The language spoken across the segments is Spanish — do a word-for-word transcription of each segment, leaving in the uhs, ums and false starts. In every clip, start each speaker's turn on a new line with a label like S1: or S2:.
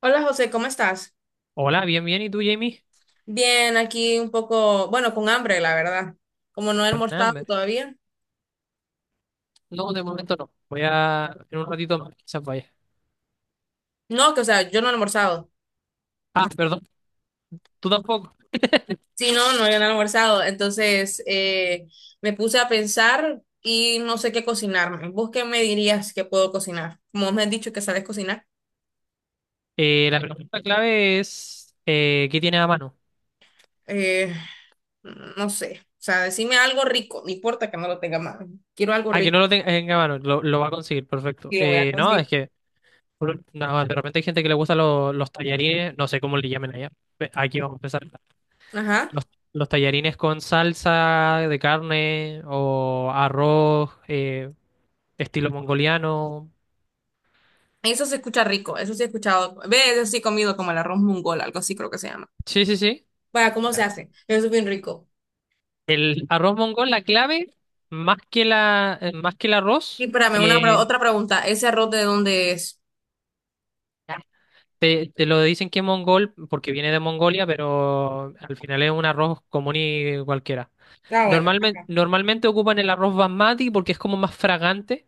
S1: Hola José, ¿cómo estás?
S2: Hola, bien, bien. ¿Y tú, Jamie?
S1: Bien, aquí un poco, bueno, con hambre, la verdad. Como no he
S2: Con
S1: almorzado
S2: hambre.
S1: todavía.
S2: No, de momento no. Voy a... En un ratito más, quizás vaya.
S1: No, que o sea, yo no he almorzado.
S2: Ah, perdón. Tú tampoco.
S1: Sí, no, no, yo no he almorzado. Entonces, eh, me puse a pensar y no sé qué cocinarme. ¿Vos qué me dirías que puedo cocinar? Como me has dicho que sabes cocinar,
S2: Eh, la pregunta clave es... eh, ¿qué tienes a mano?
S1: eh, no sé. O sea, decime algo rico, no importa que no lo tenga mal. Quiero algo
S2: Ah, que
S1: rico
S2: no lo ten- tenga a mano. Lo, lo va a conseguir. Perfecto.
S1: y lo voy a
S2: Eh, no,
S1: conseguir.
S2: es que... no, de repente hay gente que le gusta lo- los tallarines. No sé cómo le llamen allá. Pe- Aquí vamos a empezar.
S1: Ajá.
S2: Los, los tallarines con salsa de carne o arroz, eh, estilo mongoliano.
S1: Eso se escucha rico, eso sí he escuchado. Ve, eso sí he comido como el arroz mongol, algo así creo que se llama.
S2: Sí, sí, sí.
S1: Vaya, ¿cómo se hace? Eso es bien rico.
S2: El arroz mongol, la clave, más que la, eh, más que el
S1: Y
S2: arroz,
S1: espérame, una, pre-
S2: eh,
S1: otra pregunta. ¿Ese arroz de dónde es?
S2: te, te lo dicen que es mongol porque viene de Mongolia, pero al final es un arroz común y cualquiera.
S1: Ah, bueno,
S2: Normalmente,
S1: ajá.
S2: normalmente ocupan el arroz basmati porque es como más fragante,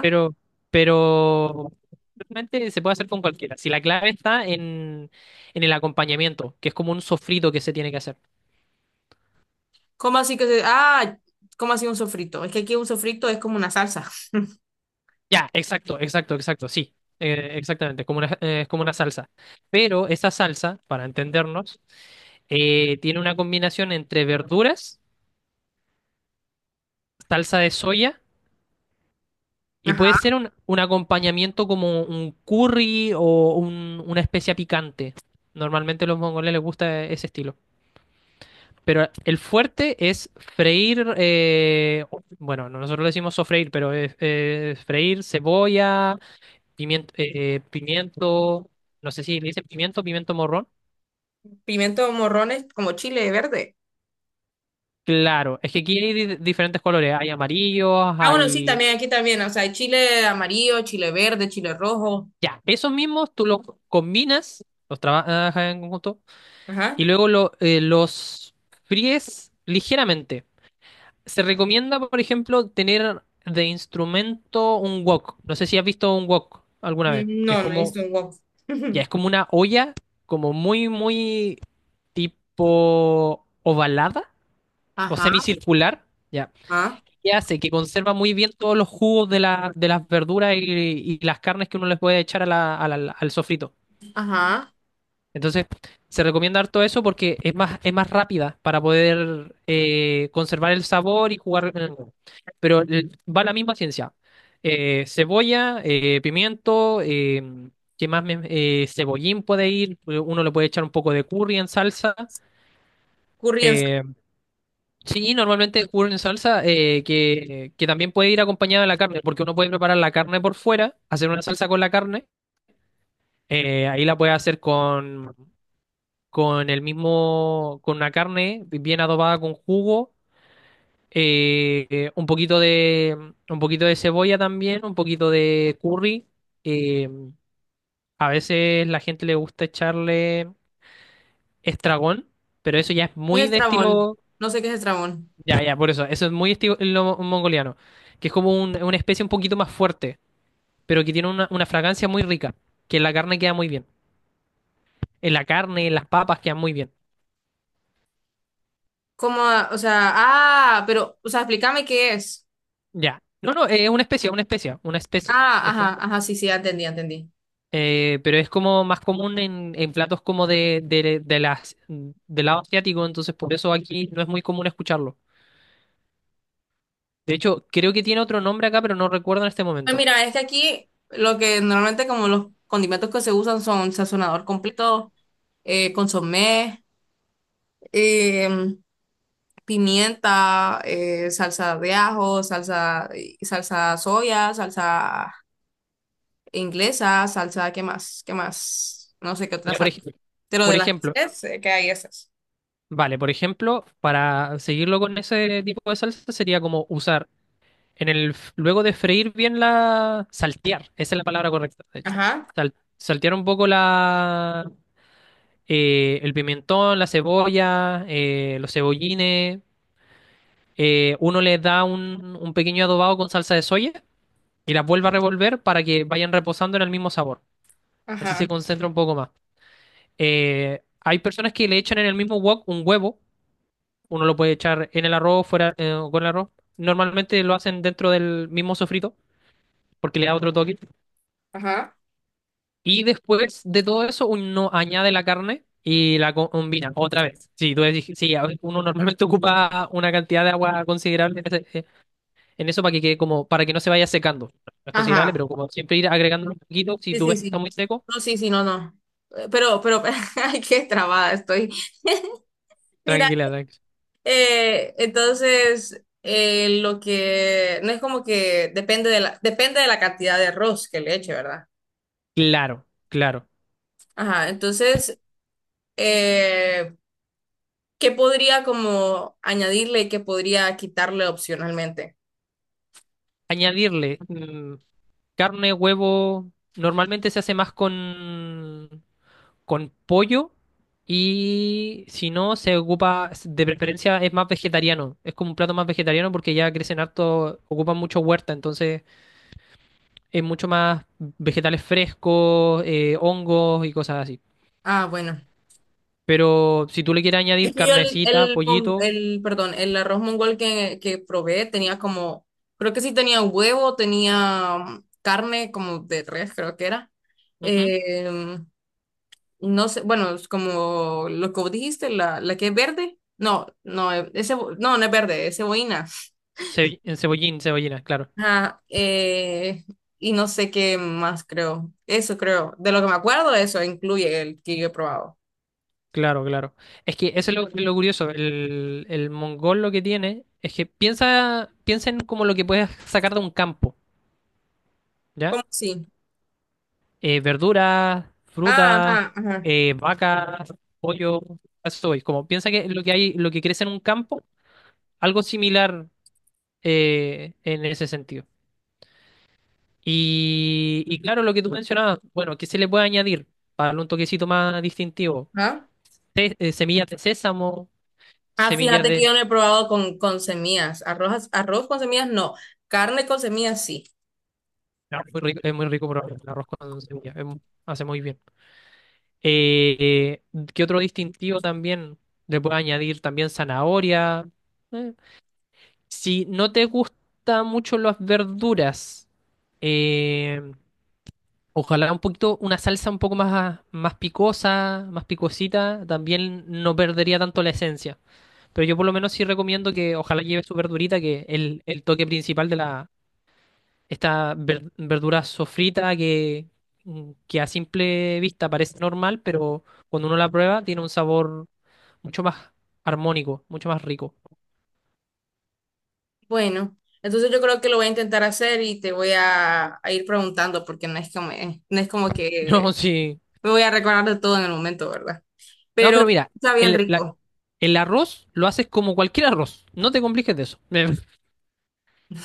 S2: pero, pero realmente se puede hacer con cualquiera. Si la clave está en, en el acompañamiento, que es como un sofrito que se tiene que hacer.
S1: ¿Cómo así que se... ah, ¿cómo así un sofrito? Es que aquí un sofrito es como una salsa.
S2: Ya, exacto, exacto, exacto, sí, eh, exactamente, como una, eh, es como una salsa. Pero esa salsa, para entendernos, eh, tiene una combinación entre verduras, salsa de soya y puede
S1: Ajá.
S2: ser un, un acompañamiento como un curry o un- una especia picante. Normalmente a los mongoles les gusta ese estilo. Pero el fuerte es freír, eh, bueno, nosotros le decimos sofreír, pero es, es freír cebolla. Pimiento, eh, eh, pimiento, no sé si le dicen pimiento, pimiento morrón.
S1: Pimiento morrones como chile verde.
S2: Claro, es que aquí hay di- diferentes colores, hay amarillos,
S1: Ah, bueno, sí,
S2: hay...
S1: también, aquí también. O sea, hay chile amarillo, chile verde, chile rojo.
S2: Ya, esos mismos tú los combinas, los trabajas en conjunto, y
S1: Ajá.
S2: luego lo- eh, los fríes ligeramente. Se recomienda, por ejemplo, tener de instrumento un wok. No sé si has visto un wok alguna vez,
S1: Mm,
S2: que es
S1: no, no he
S2: como,
S1: visto un wok.
S2: ya, es como una olla, como muy, muy tipo ovalada o
S1: Ajá.
S2: semicircular. Ya.
S1: Ajá.
S2: Que hace que conserva muy bien todos los jugos de, la- de las verduras y, y las carnes que uno les puede echar a la- a la- al sofrito.
S1: Ajá.
S2: Entonces, se recomienda harto eso porque es más, es más rápida para poder eh, conservar el sabor y jugar en el- huevo. Pero el- va la misma ciencia. Eh, cebolla, eh, pimiento, eh, ¿qué más? me- eh, cebollín puede ir, uno le puede echar un poco de curry en salsa.
S1: Curry en salsa.
S2: eh, Sí, normalmente ocurre en salsa eh, que, que también puede ir acompañada de la carne, porque uno puede preparar la carne por fuera, hacer una salsa con la carne, eh, ahí la puede hacer con, con el mismo, con una carne bien adobada con jugo, eh, eh, un poquito de, un poquito de cebolla también, un poquito de curry. eh, a veces la gente le gusta echarle estragón, pero eso ya es
S1: ¿Qué es
S2: muy de
S1: estrabón?
S2: estilo.
S1: No sé qué es estrabón.
S2: Ya, ya, por eso. Eso es muy estilo mongoliano, que es como un- una especie un poquito más fuerte, pero que tiene una, una fragancia muy rica, que en la carne queda muy bien. En la carne, en las papas quedan muy bien.
S1: ¿Cómo? O sea, ah, pero, o sea, explícame qué es.
S2: Ya. No, no, es una especie, una especie, una especie.
S1: Ah, ajá, ajá, sí, sí, ya entendí, ya entendí.
S2: Eh, pero es como más común en, en platos como de, de, de las, del lado asiático, entonces por eso aquí no es muy común escucharlo. De hecho, creo que tiene otro nombre acá, pero no recuerdo en este
S1: Pues
S2: momento.
S1: mira, es que aquí lo que normalmente como los condimentos que se usan son sazonador completo, eh, consomé, em, pimienta, eh, salsa de ajo, salsa, salsa soya, salsa inglesa, salsa, ¿qué más? ¿Qué más? No sé qué otra
S2: Ya, por
S1: salsa.
S2: ej-
S1: Pero
S2: por
S1: de las
S2: ejemplo.
S1: tres eh, que hay esas.
S2: Vale, por ejemplo, para seguirlo con ese tipo de salsa sería como usar en el f- luego de freír bien la saltear, esa es la palabra correcta, de hecho.
S1: Ajá,
S2: Sal- saltear un poco la eh, el pimentón, la cebolla, eh, los cebollines. Eh, uno les da un, un pequeño adobado con salsa de soya y las vuelve a revolver para que vayan reposando en el mismo sabor. Así se
S1: ajá,
S2: concentra un poco más. Eh, hay personas que le echan en el mismo wok un huevo. Uno lo puede echar en el arroz, fuera, eh, o con el arroz. Normalmente lo hacen dentro del mismo sofrito, porque le da otro toque.
S1: ajá,
S2: Y después de todo eso, uno añade la carne y la co- combina otra vez. Sí, tú decís- sí, a ver, uno normalmente ocupa una cantidad de agua considerable en, ese- eh, en eso para que quede como, para que no se vaya secando. No es considerable,
S1: ajá.
S2: pero como siempre ir agregando un poquito, si
S1: Sí,
S2: tú
S1: sí,
S2: ves que está
S1: sí.
S2: muy seco,
S1: No, sí, sí, no, no. Eh, Pero, pero, ay, qué trabada estoy. Mira,
S2: tranquila, tranquila.
S1: eh, entonces, eh, lo que, no es como que depende de la, depende de la cantidad de arroz que le eche, ¿verdad?
S2: Claro, claro.
S1: Ajá, entonces, eh, ¿qué podría como añadirle y qué podría quitarle opcionalmente?
S2: Añadirle mm, carne, huevo. Normalmente se hace más con con pollo y si no, se ocupa, de preferencia es más vegetariano. Es como un plato más vegetariano porque ya crecen harto, ocupan mucho huerta, entonces es mucho más vegetales frescos, eh, hongos y cosas así.
S1: Ah, bueno.
S2: Pero si tú le quieres
S1: Es
S2: añadir
S1: que yo el,
S2: carnecita,
S1: el, mon-
S2: pollito,
S1: el- perdón, el arroz mongol que, que probé tenía como, creo que sí tenía huevo, tenía mm, carne como de res, creo que era.
S2: ujú,
S1: Eh, no sé, bueno, es como lo que vos dijiste, la, la que es verde. No, no, e, ese, no, no es verde, es cebollina.
S2: ce- en cebollín, cebollina, claro.
S1: Ajá, eh, y no sé qué más creo. Eso creo. De lo que me acuerdo, eso incluye el que yo he probado.
S2: Claro, claro. Es que eso es lo, lo curioso. El, el mongol lo que tiene es que piensa, piensa en como lo que puedes sacar de un campo, ¿ya?
S1: ¿Cómo sí?
S2: Eh, verduras,
S1: Ah,
S2: frutas,
S1: ajá, ajá.
S2: eh, vacas, pollo, a eso voy. Como piensa que lo que hay, lo que crece en un campo, algo similar eh, en ese sentido. Y, y claro, lo que tú mencionabas, bueno, ¿qué se le puede añadir para darle un toquecito más distintivo?
S1: Ajá.
S2: Te- eh, semillas de sésamo,
S1: Ah,
S2: semillas
S1: fíjate que
S2: de...
S1: yo no he probado con, con semillas. Arroz, arroz con semillas no. Carne con semillas sí.
S2: no, muy rico- es muy rico probar el arroz con semillas, es mu- hace muy bien. Eh, eh, ¿qué otro distintivo también le puede añadir? También zanahoria. eh, Si no te gustan mucho las verduras, eh, ojalá un poquito, una salsa un poco más, más picosa, más picosita, también no perdería tanto la esencia. Pero yo por lo menos sí recomiendo que ojalá lleve su verdurita, que es el, el toque principal de la, esta ver- verdura sofrita que, que a simple vista parece normal, pero cuando uno la prueba tiene un sabor mucho más armónico, mucho más rico.
S1: Bueno, entonces yo creo que lo voy a intentar hacer y te voy a, a ir preguntando porque no es como, eh, no es como
S2: No,
S1: que
S2: sí.
S1: me voy a recordar de todo en el momento, ¿verdad?
S2: No,
S1: Pero
S2: pero mira,
S1: está bien
S2: el, la-
S1: rico.
S2: el arroz lo haces como cualquier arroz. No te compliques de eso.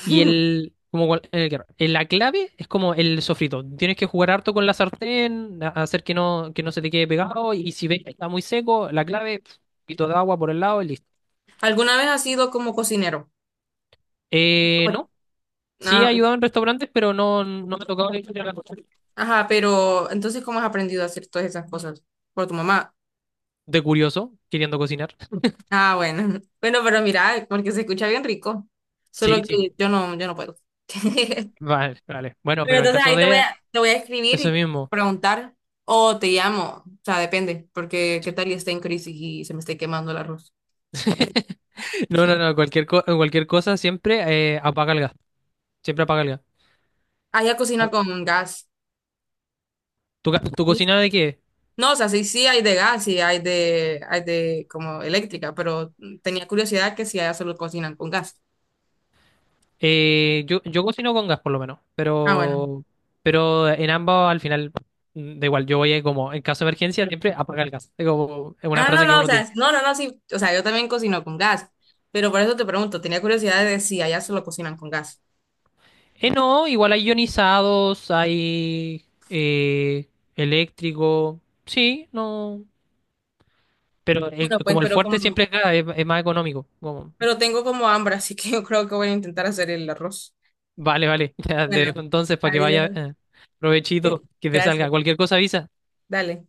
S2: Y el, como cual- el que- el- la clave es como el sofrito. Tienes que jugar harto con la sartén, a- hacer que no, que no se te quede pegado. Y si ves que está muy seco, la clave, pf, un poquito de agua por el lado y listo.
S1: ¿Alguna vez has sido como cocinero?
S2: Eh,
S1: No.
S2: no. Sí he
S1: Ah,
S2: ayudado en restaurantes, pero no, no me ha tocado la historia de la cocina.
S1: ajá, pero entonces ¿cómo has aprendido a hacer todas esas cosas? ¿Por tu mamá?
S2: De curioso, queriendo cocinar.
S1: Ah, bueno. Bueno, pero mira, porque se escucha bien rico. Solo
S2: Sí, sí.
S1: que yo no, yo no puedo.
S2: Vale, vale. Bueno,
S1: Pero
S2: pero en
S1: entonces
S2: caso
S1: ahí te voy
S2: de
S1: a, te voy a escribir
S2: eso
S1: y
S2: mismo.
S1: preguntar o te llamo, o sea, depende, porque qué tal y esté en crisis y se me esté quemando el arroz.
S2: No, no, no. Cualquier, co- cualquier cosa siempre eh, apaga el gas. Siempre apaga el gas.
S1: Allá cocina con gas.
S2: ¿Tu, ga- ¿tu cocina de qué?
S1: No, o sea, sí, sí hay de gas y hay de, hay de como eléctrica, pero tenía curiosidad que si allá solo cocinan con gas.
S2: Eh, yo, yo cocino con gas por lo menos,
S1: Ah, bueno.
S2: pero, pero en ambos al final mm, da igual, yo voy a como en caso de emergencia siempre apaga el gas. Es como es una
S1: Ah, no,
S2: frase que
S1: no, o
S2: uno tiene.
S1: sea, no, no, no, sí, o sea, yo también cocino con gas, pero por eso te pregunto, tenía curiosidad de si allá solo cocinan con gas.
S2: Eh, no, igual hay ionizados, hay eh, eléctrico, sí, no, pero el-
S1: Bueno, pues,
S2: como el
S1: pero
S2: fuerte
S1: como,
S2: siempre es gas, es, es más económico. Como,
S1: pero tengo como hambre, así que yo creo que voy a intentar hacer el arroz.
S2: vale, vale, ya te dejo
S1: Bueno,
S2: entonces para que vaya,
S1: adiós.
S2: eh, provechito, que te salga
S1: Gracias.
S2: cualquier cosa avisa.
S1: Dale.